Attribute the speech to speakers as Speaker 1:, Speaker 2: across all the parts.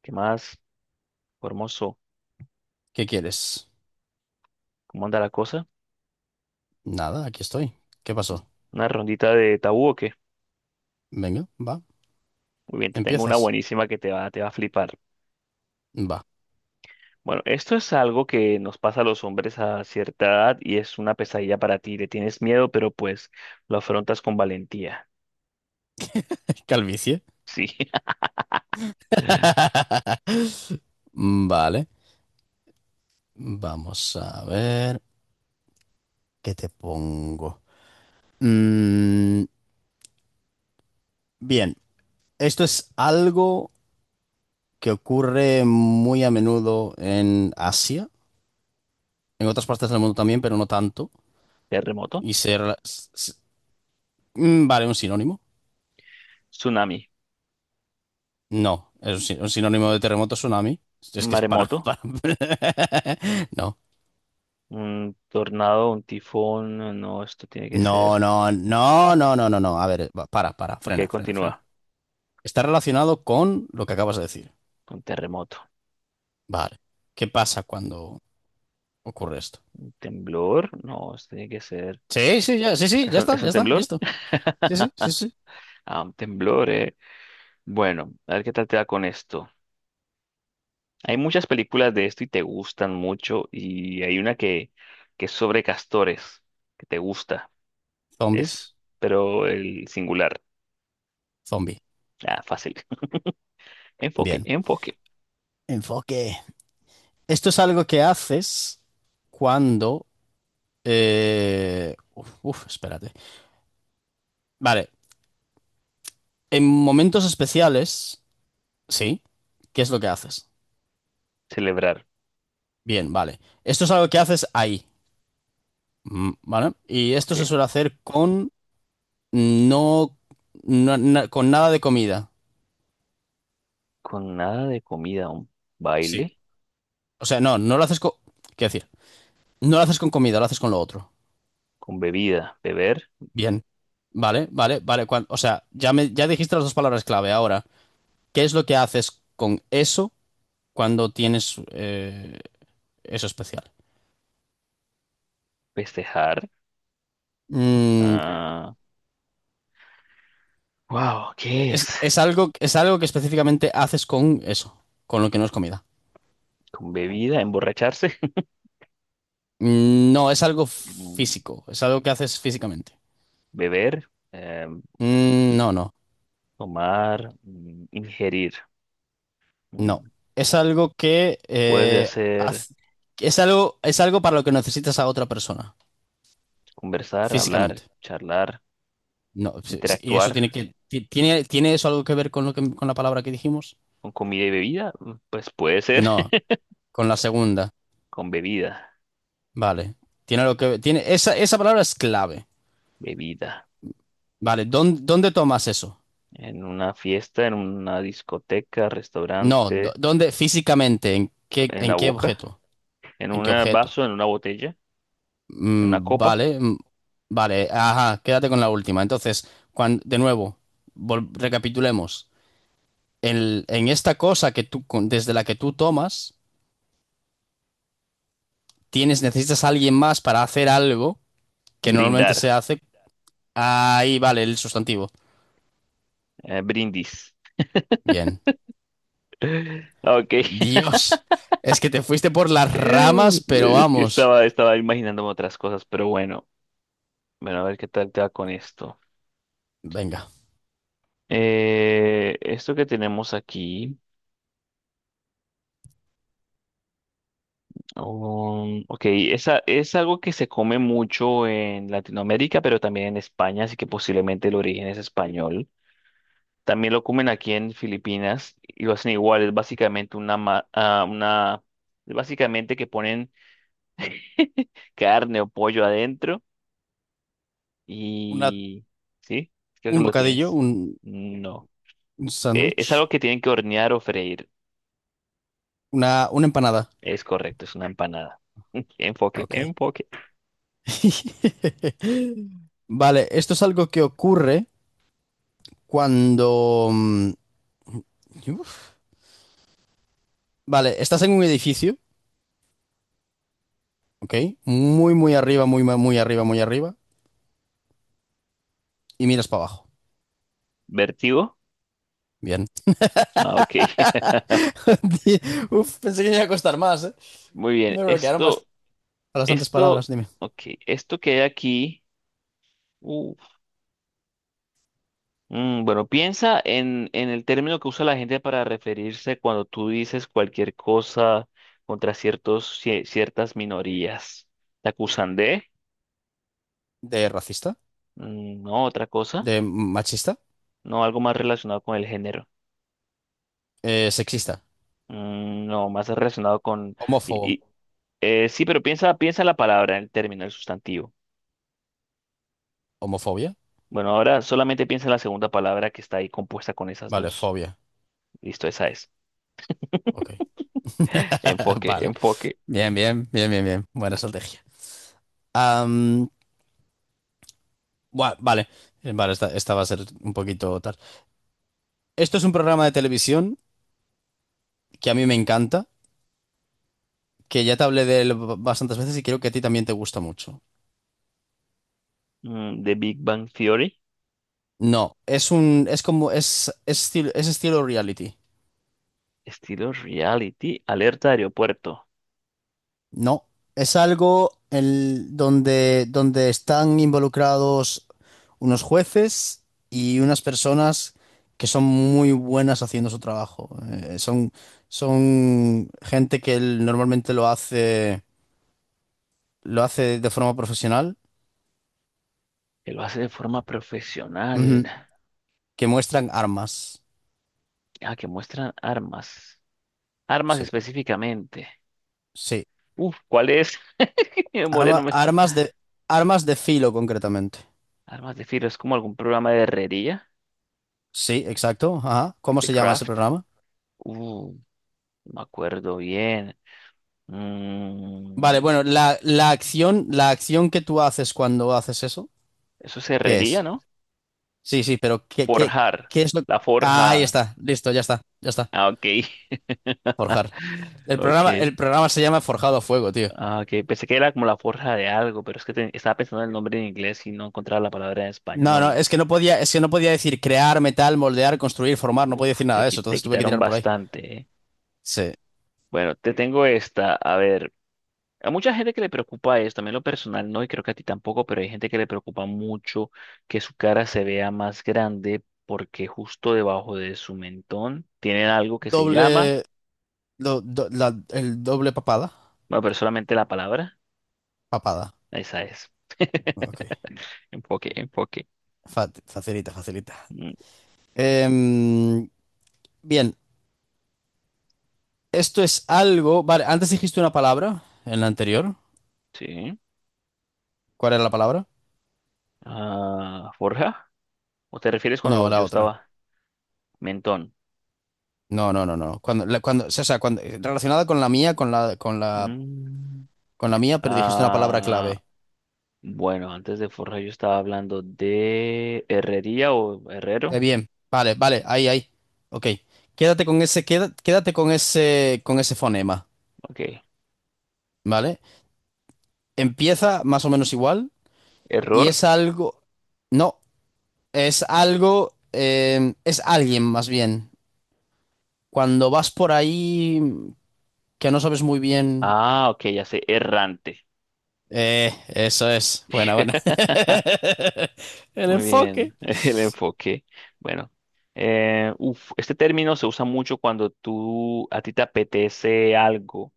Speaker 1: ¿Qué más, hermoso?
Speaker 2: ¿Qué quieres?
Speaker 1: ¿Cómo anda la cosa?
Speaker 2: Nada, aquí estoy. ¿Qué pasó?
Speaker 1: ¿Una rondita de tabú o qué?
Speaker 2: Venga, va.
Speaker 1: Muy bien, te tengo una
Speaker 2: ¿Empiezas?
Speaker 1: buenísima que te va a flipar.
Speaker 2: Va.
Speaker 1: Bueno, esto es algo que nos pasa a los hombres a cierta edad y es una pesadilla para ti. Le tienes miedo, pero pues lo afrontas con valentía.
Speaker 2: Calvicie.
Speaker 1: Sí.
Speaker 2: Vale. Vamos a ver. ¿Qué te pongo? Mm, bien. Esto es algo que ocurre muy a menudo en Asia, en otras partes del mundo también, pero no tanto.
Speaker 1: Terremoto,
Speaker 2: Y se... Vale, un sinónimo.
Speaker 1: tsunami,
Speaker 2: No, es un un sinónimo de terremoto, tsunami. Es que es para...
Speaker 1: maremoto,
Speaker 2: para... No.
Speaker 1: un tornado, un tifón. No, esto tiene que
Speaker 2: No,
Speaker 1: ser.
Speaker 2: no, no, no, no, no, no. A ver, va, para,
Speaker 1: Ok,
Speaker 2: frena, frena,
Speaker 1: continúa.
Speaker 2: frena. Está relacionado con lo que acabas de decir.
Speaker 1: Un terremoto.
Speaker 2: Vale. ¿Qué pasa cuando ocurre esto?
Speaker 1: Temblor. No, esto tiene que ser.
Speaker 2: Sí, sí, ya, sí, sí,
Speaker 1: ¿Es un, es
Speaker 2: ya
Speaker 1: un
Speaker 2: está,
Speaker 1: temblor?
Speaker 2: listo. Sí, sí, sí, sí.
Speaker 1: Ah, un temblor, eh. Bueno, a ver qué tal te da con esto. Hay muchas películas de esto y te gustan mucho y hay una que es sobre castores, que te gusta. Es,
Speaker 2: Zombies,
Speaker 1: pero el singular.
Speaker 2: zombie.
Speaker 1: Ah, fácil. Enfoque,
Speaker 2: Bien.
Speaker 1: enfoque.
Speaker 2: Enfoque. Esto es algo que haces cuando... uf, espérate. Vale. En momentos especiales, sí. ¿Qué es lo que haces?
Speaker 1: Celebrar.
Speaker 2: Bien, vale. Esto es algo que haces ahí. Mm, vale. Y esto
Speaker 1: Ok.
Speaker 2: se suele hacer con no, con nada de comida.
Speaker 1: Con nada de comida, un
Speaker 2: Sí,
Speaker 1: baile,
Speaker 2: o sea, no lo haces con. Quiero decir, no lo haces con comida, lo haces con lo otro.
Speaker 1: con bebida, beber,
Speaker 2: Bien. Vale, vale, vale. O sea, ya me, ya dijiste las dos palabras clave. Ahora, ¿qué es lo que haces con eso cuando tienes eso especial?
Speaker 1: festejar.
Speaker 2: Mm,
Speaker 1: Ah, wow, ¿qué es?
Speaker 2: es algo que específicamente haces con eso, con lo que no es comida.
Speaker 1: Con bebida, emborracharse.
Speaker 2: Mm, no, es algo
Speaker 1: mm,
Speaker 2: físico, es algo que haces físicamente.
Speaker 1: Beber,
Speaker 2: Mm, No, no,
Speaker 1: tomar, ingerir.
Speaker 2: no.
Speaker 1: Mm,
Speaker 2: Es algo que
Speaker 1: Puedes hacer
Speaker 2: haz- es algo para lo que necesitas a otra persona,
Speaker 1: conversar, hablar,
Speaker 2: físicamente.
Speaker 1: charlar,
Speaker 2: No, sí, sí, y
Speaker 1: interactuar
Speaker 2: eso tiene que, tiene, ¿tiene eso algo que ver con lo que, con la palabra que dijimos?
Speaker 1: con comida y bebida. Pues puede ser.
Speaker 2: No, con la segunda.
Speaker 1: Con bebida,
Speaker 2: Vale. Tiene algo que tiene, esa palabra es clave.
Speaker 1: bebida.
Speaker 2: Vale, ¿dónde tomas eso?
Speaker 1: En una fiesta, en una discoteca,
Speaker 2: No,
Speaker 1: restaurante,
Speaker 2: ¿dónde físicamente?
Speaker 1: en la
Speaker 2: ¿En qué
Speaker 1: boca,
Speaker 2: objeto?
Speaker 1: en
Speaker 2: ¿En qué
Speaker 1: un
Speaker 2: objeto?
Speaker 1: vaso, en una botella, en una copa.
Speaker 2: Vale, vale, ajá, quédate con la última. Entonces, de nuevo, recapitulemos. En esta cosa que tú, desde la que tú tomas, tienes, necesitas a alguien más para hacer algo que normalmente se
Speaker 1: Brindar,
Speaker 2: hace. Ahí, vale, el sustantivo.
Speaker 1: brindis.
Speaker 2: Bien.
Speaker 1: Ok.
Speaker 2: Dios, es que te fuiste por las ramas, pero
Speaker 1: Es que
Speaker 2: vamos.
Speaker 1: estaba imaginándome otras cosas, pero bueno. Bueno, a ver qué tal te va con esto.
Speaker 2: Venga,
Speaker 1: Esto que tenemos aquí. Ok, esa, es algo que se come mucho en Latinoamérica, pero también en España, así que posiblemente el origen es español. También lo comen aquí en Filipinas y lo hacen igual, es básicamente una, una, es básicamente que ponen carne o pollo adentro
Speaker 2: una,
Speaker 1: y... ¿Sí? Creo que
Speaker 2: un
Speaker 1: lo
Speaker 2: bocadillo,
Speaker 1: tienes. No.
Speaker 2: un
Speaker 1: Es
Speaker 2: sándwich,
Speaker 1: algo que tienen que hornear o freír.
Speaker 2: una empanada.
Speaker 1: Es correcto, es una empanada. Enfoque,
Speaker 2: Ok.
Speaker 1: enfoque.
Speaker 2: Vale, esto es algo que ocurre cuando... uf. Vale, estás en un edificio, ¿ok? Muy, muy arriba, muy arriba, muy arriba, y miras para abajo.
Speaker 1: ¿Vertigo?
Speaker 2: Bien.
Speaker 1: Ah, ok.
Speaker 2: Di- Uf, pensé que me iba a costar más, ¿eh?
Speaker 1: Muy bien,
Speaker 2: Me bloquearon
Speaker 1: esto...
Speaker 2: bastantes
Speaker 1: Esto,
Speaker 2: palabras, dime.
Speaker 1: ok, esto que hay aquí, uf, bueno, piensa en el término que usa la gente para referirse cuando tú dices cualquier cosa contra ciertas minorías. ¿Te acusan de?
Speaker 2: ¿De racista?
Speaker 1: No, otra cosa.
Speaker 2: ¿De machista?
Speaker 1: No, algo más relacionado con el género.
Speaker 2: ¿Sexista?
Speaker 1: No, más relacionado con... y-
Speaker 2: ¿Homófobo?
Speaker 1: y- sí, pero piensa en la palabra, en el término, el sustantivo.
Speaker 2: ¿Homofobia?
Speaker 1: Bueno, ahora solamente piensa en la segunda palabra que está ahí compuesta con esas
Speaker 2: Vale,
Speaker 1: dos.
Speaker 2: fobia.
Speaker 1: Listo, esa es.
Speaker 2: Ok.
Speaker 1: Enfoque,
Speaker 2: Vale.
Speaker 1: enfoque.
Speaker 2: Bien, bien, bien, bien, bien. Buena estrategia. Buah, vale, eh, vale, esta va a ser un poquito tal. Esto es un programa de televisión que a mí me encanta, que ya te hablé de él bastantes veces y creo que a ti también te gusta mucho.
Speaker 1: De Big Bang Theory,
Speaker 2: No, es un, es como, es estilo reality.
Speaker 1: estilo reality, alerta de aeropuerto.
Speaker 2: No, es algo donde, donde están involucrados unos jueces y unas personas que son muy buenas haciendo su trabajo. Son gente que normalmente lo hace de forma profesional,
Speaker 1: Él lo hace de forma
Speaker 2: ujú,
Speaker 1: profesional.
Speaker 2: que muestran armas.
Speaker 1: Ah, que muestran armas. Armas
Speaker 2: Sí,
Speaker 1: específicamente.
Speaker 2: sí.
Speaker 1: Uf, ¿cuál es? Mi memoria no
Speaker 2: Arma-
Speaker 1: me está.
Speaker 2: armas de, armas de filo, concretamente.
Speaker 1: Armas de filo, es como algún programa de herrería,
Speaker 2: Sí, exacto. Ajá. ¿Cómo
Speaker 1: de
Speaker 2: se llama ese
Speaker 1: craft.
Speaker 2: programa?
Speaker 1: Uh, no me acuerdo bien. Mm,
Speaker 2: Vale, bueno, la acción que tú haces cuando haces eso,
Speaker 1: eso es
Speaker 2: ¿qué
Speaker 1: herrería,
Speaker 2: es?
Speaker 1: ¿no?
Speaker 2: Sí, sí, pero
Speaker 1: Forjar.
Speaker 2: ¿qué es lo
Speaker 1: La forja.
Speaker 2: Ahí está, listo, ya está, ya está.
Speaker 1: Ah, ok.
Speaker 2: Forjar.
Speaker 1: Ok.
Speaker 2: El programa se llama Forjado a Fuego, tío.
Speaker 1: Ah, ok, pensé que era como la forja de algo, pero es que estaba pensando en el nombre en inglés y no encontraba la palabra en
Speaker 2: No, no,
Speaker 1: español.
Speaker 2: es que no podía, es que no podía decir crear, metal, moldear, construir, formar, no podía
Speaker 1: Uf,
Speaker 2: decir nada de eso,
Speaker 1: te
Speaker 2: entonces tuve que
Speaker 1: quitaron
Speaker 2: tirar por ahí.
Speaker 1: bastante, ¿eh?
Speaker 2: Sí.
Speaker 1: Bueno, te tengo esta. A ver, a mucha gente que le preocupa esto, a mí en lo personal no, y creo que a ti tampoco, pero hay gente que le preocupa mucho que su cara se vea más grande porque justo debajo de su mentón tienen algo que se llama,
Speaker 2: Doble, el doble papada.
Speaker 1: bueno, pero solamente la palabra,
Speaker 2: Papada.
Speaker 1: esa es.
Speaker 2: Ok.
Speaker 1: Enfoque, enfoque.
Speaker 2: Facilita, facilita.
Speaker 1: Mm,
Speaker 2: Em, bien, esto es algo. Vale, antes dijiste una palabra en la anterior.
Speaker 1: sí.
Speaker 2: ¿Cuál era la palabra?
Speaker 1: Ah, forja. ¿O te refieres
Speaker 2: No,
Speaker 1: cuando
Speaker 2: la
Speaker 1: yo
Speaker 2: otra.
Speaker 1: estaba? Mentón.
Speaker 2: No, no, no, no. Cuando, cuando, o sea, cuando, relacionada con la mía,
Speaker 1: Mm,
Speaker 2: con la mía, pero dijiste una palabra
Speaker 1: ah,
Speaker 2: clave.
Speaker 1: bueno, antes de Forja yo estaba hablando de herrería o herrero.
Speaker 2: Bien, vale, vale, ahí, ahí. Ok. Quédate con ese, quédate con ese fonema,
Speaker 1: Ok.
Speaker 2: ¿vale? Empieza más o menos igual. Y
Speaker 1: Error.
Speaker 2: es algo, no, es algo, es alguien más bien. Cuando vas por ahí que no sabes muy bien.
Speaker 1: Ah, ok, ya sé. Errante.
Speaker 2: Eso es. Buena, buena. El
Speaker 1: Muy
Speaker 2: enfoque.
Speaker 1: bien, el enfoque. Bueno, uf, este término se usa mucho cuando tú, a ti te apetece algo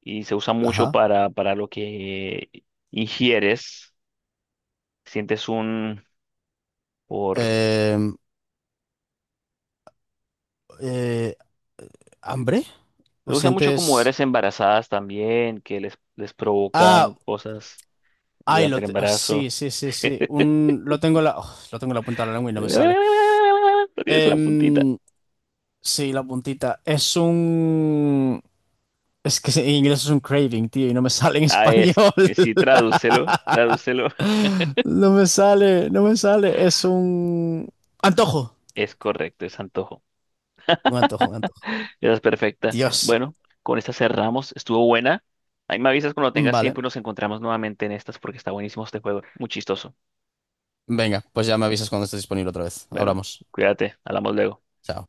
Speaker 1: y se usa mucho
Speaker 2: Ajá.
Speaker 1: para lo que ingieres. Sientes un, por,
Speaker 2: Em, eh, ¿Hambre? ¿O
Speaker 1: lo usan mucho con
Speaker 2: sientes?
Speaker 1: mujeres embarazadas también, que les
Speaker 2: Ah,
Speaker 1: provocan cosas
Speaker 2: ay,
Speaker 1: durante el
Speaker 2: ah,
Speaker 1: embarazo.
Speaker 2: sí, sí, sí, sí. Un, lo tengo en la, oh, lo tengo en la punta de la lengua y no me sale.
Speaker 1: No tienes la puntita.
Speaker 2: Em, sí, la puntita. Es un. Es que en inglés es un craving, tío, y no me sale en
Speaker 1: Ah,
Speaker 2: español.
Speaker 1: es, sí, tradúcelo, tradúcelo.
Speaker 2: No me sale, no me sale. Es un antojo.
Speaker 1: Es correcto, es antojo.
Speaker 2: Un antojo, un antojo.
Speaker 1: Esa es perfecta.
Speaker 2: Dios.
Speaker 1: Bueno, con esta cerramos. Estuvo buena. Ahí me avisas cuando tengas
Speaker 2: Vale.
Speaker 1: tiempo y nos encontramos nuevamente en estas porque está buenísimo este juego. Muy chistoso.
Speaker 2: Venga, pues ya me avisas cuando estés disponible otra vez.
Speaker 1: Bueno,
Speaker 2: Hablamos.
Speaker 1: cuídate, hablamos luego.
Speaker 2: Chao.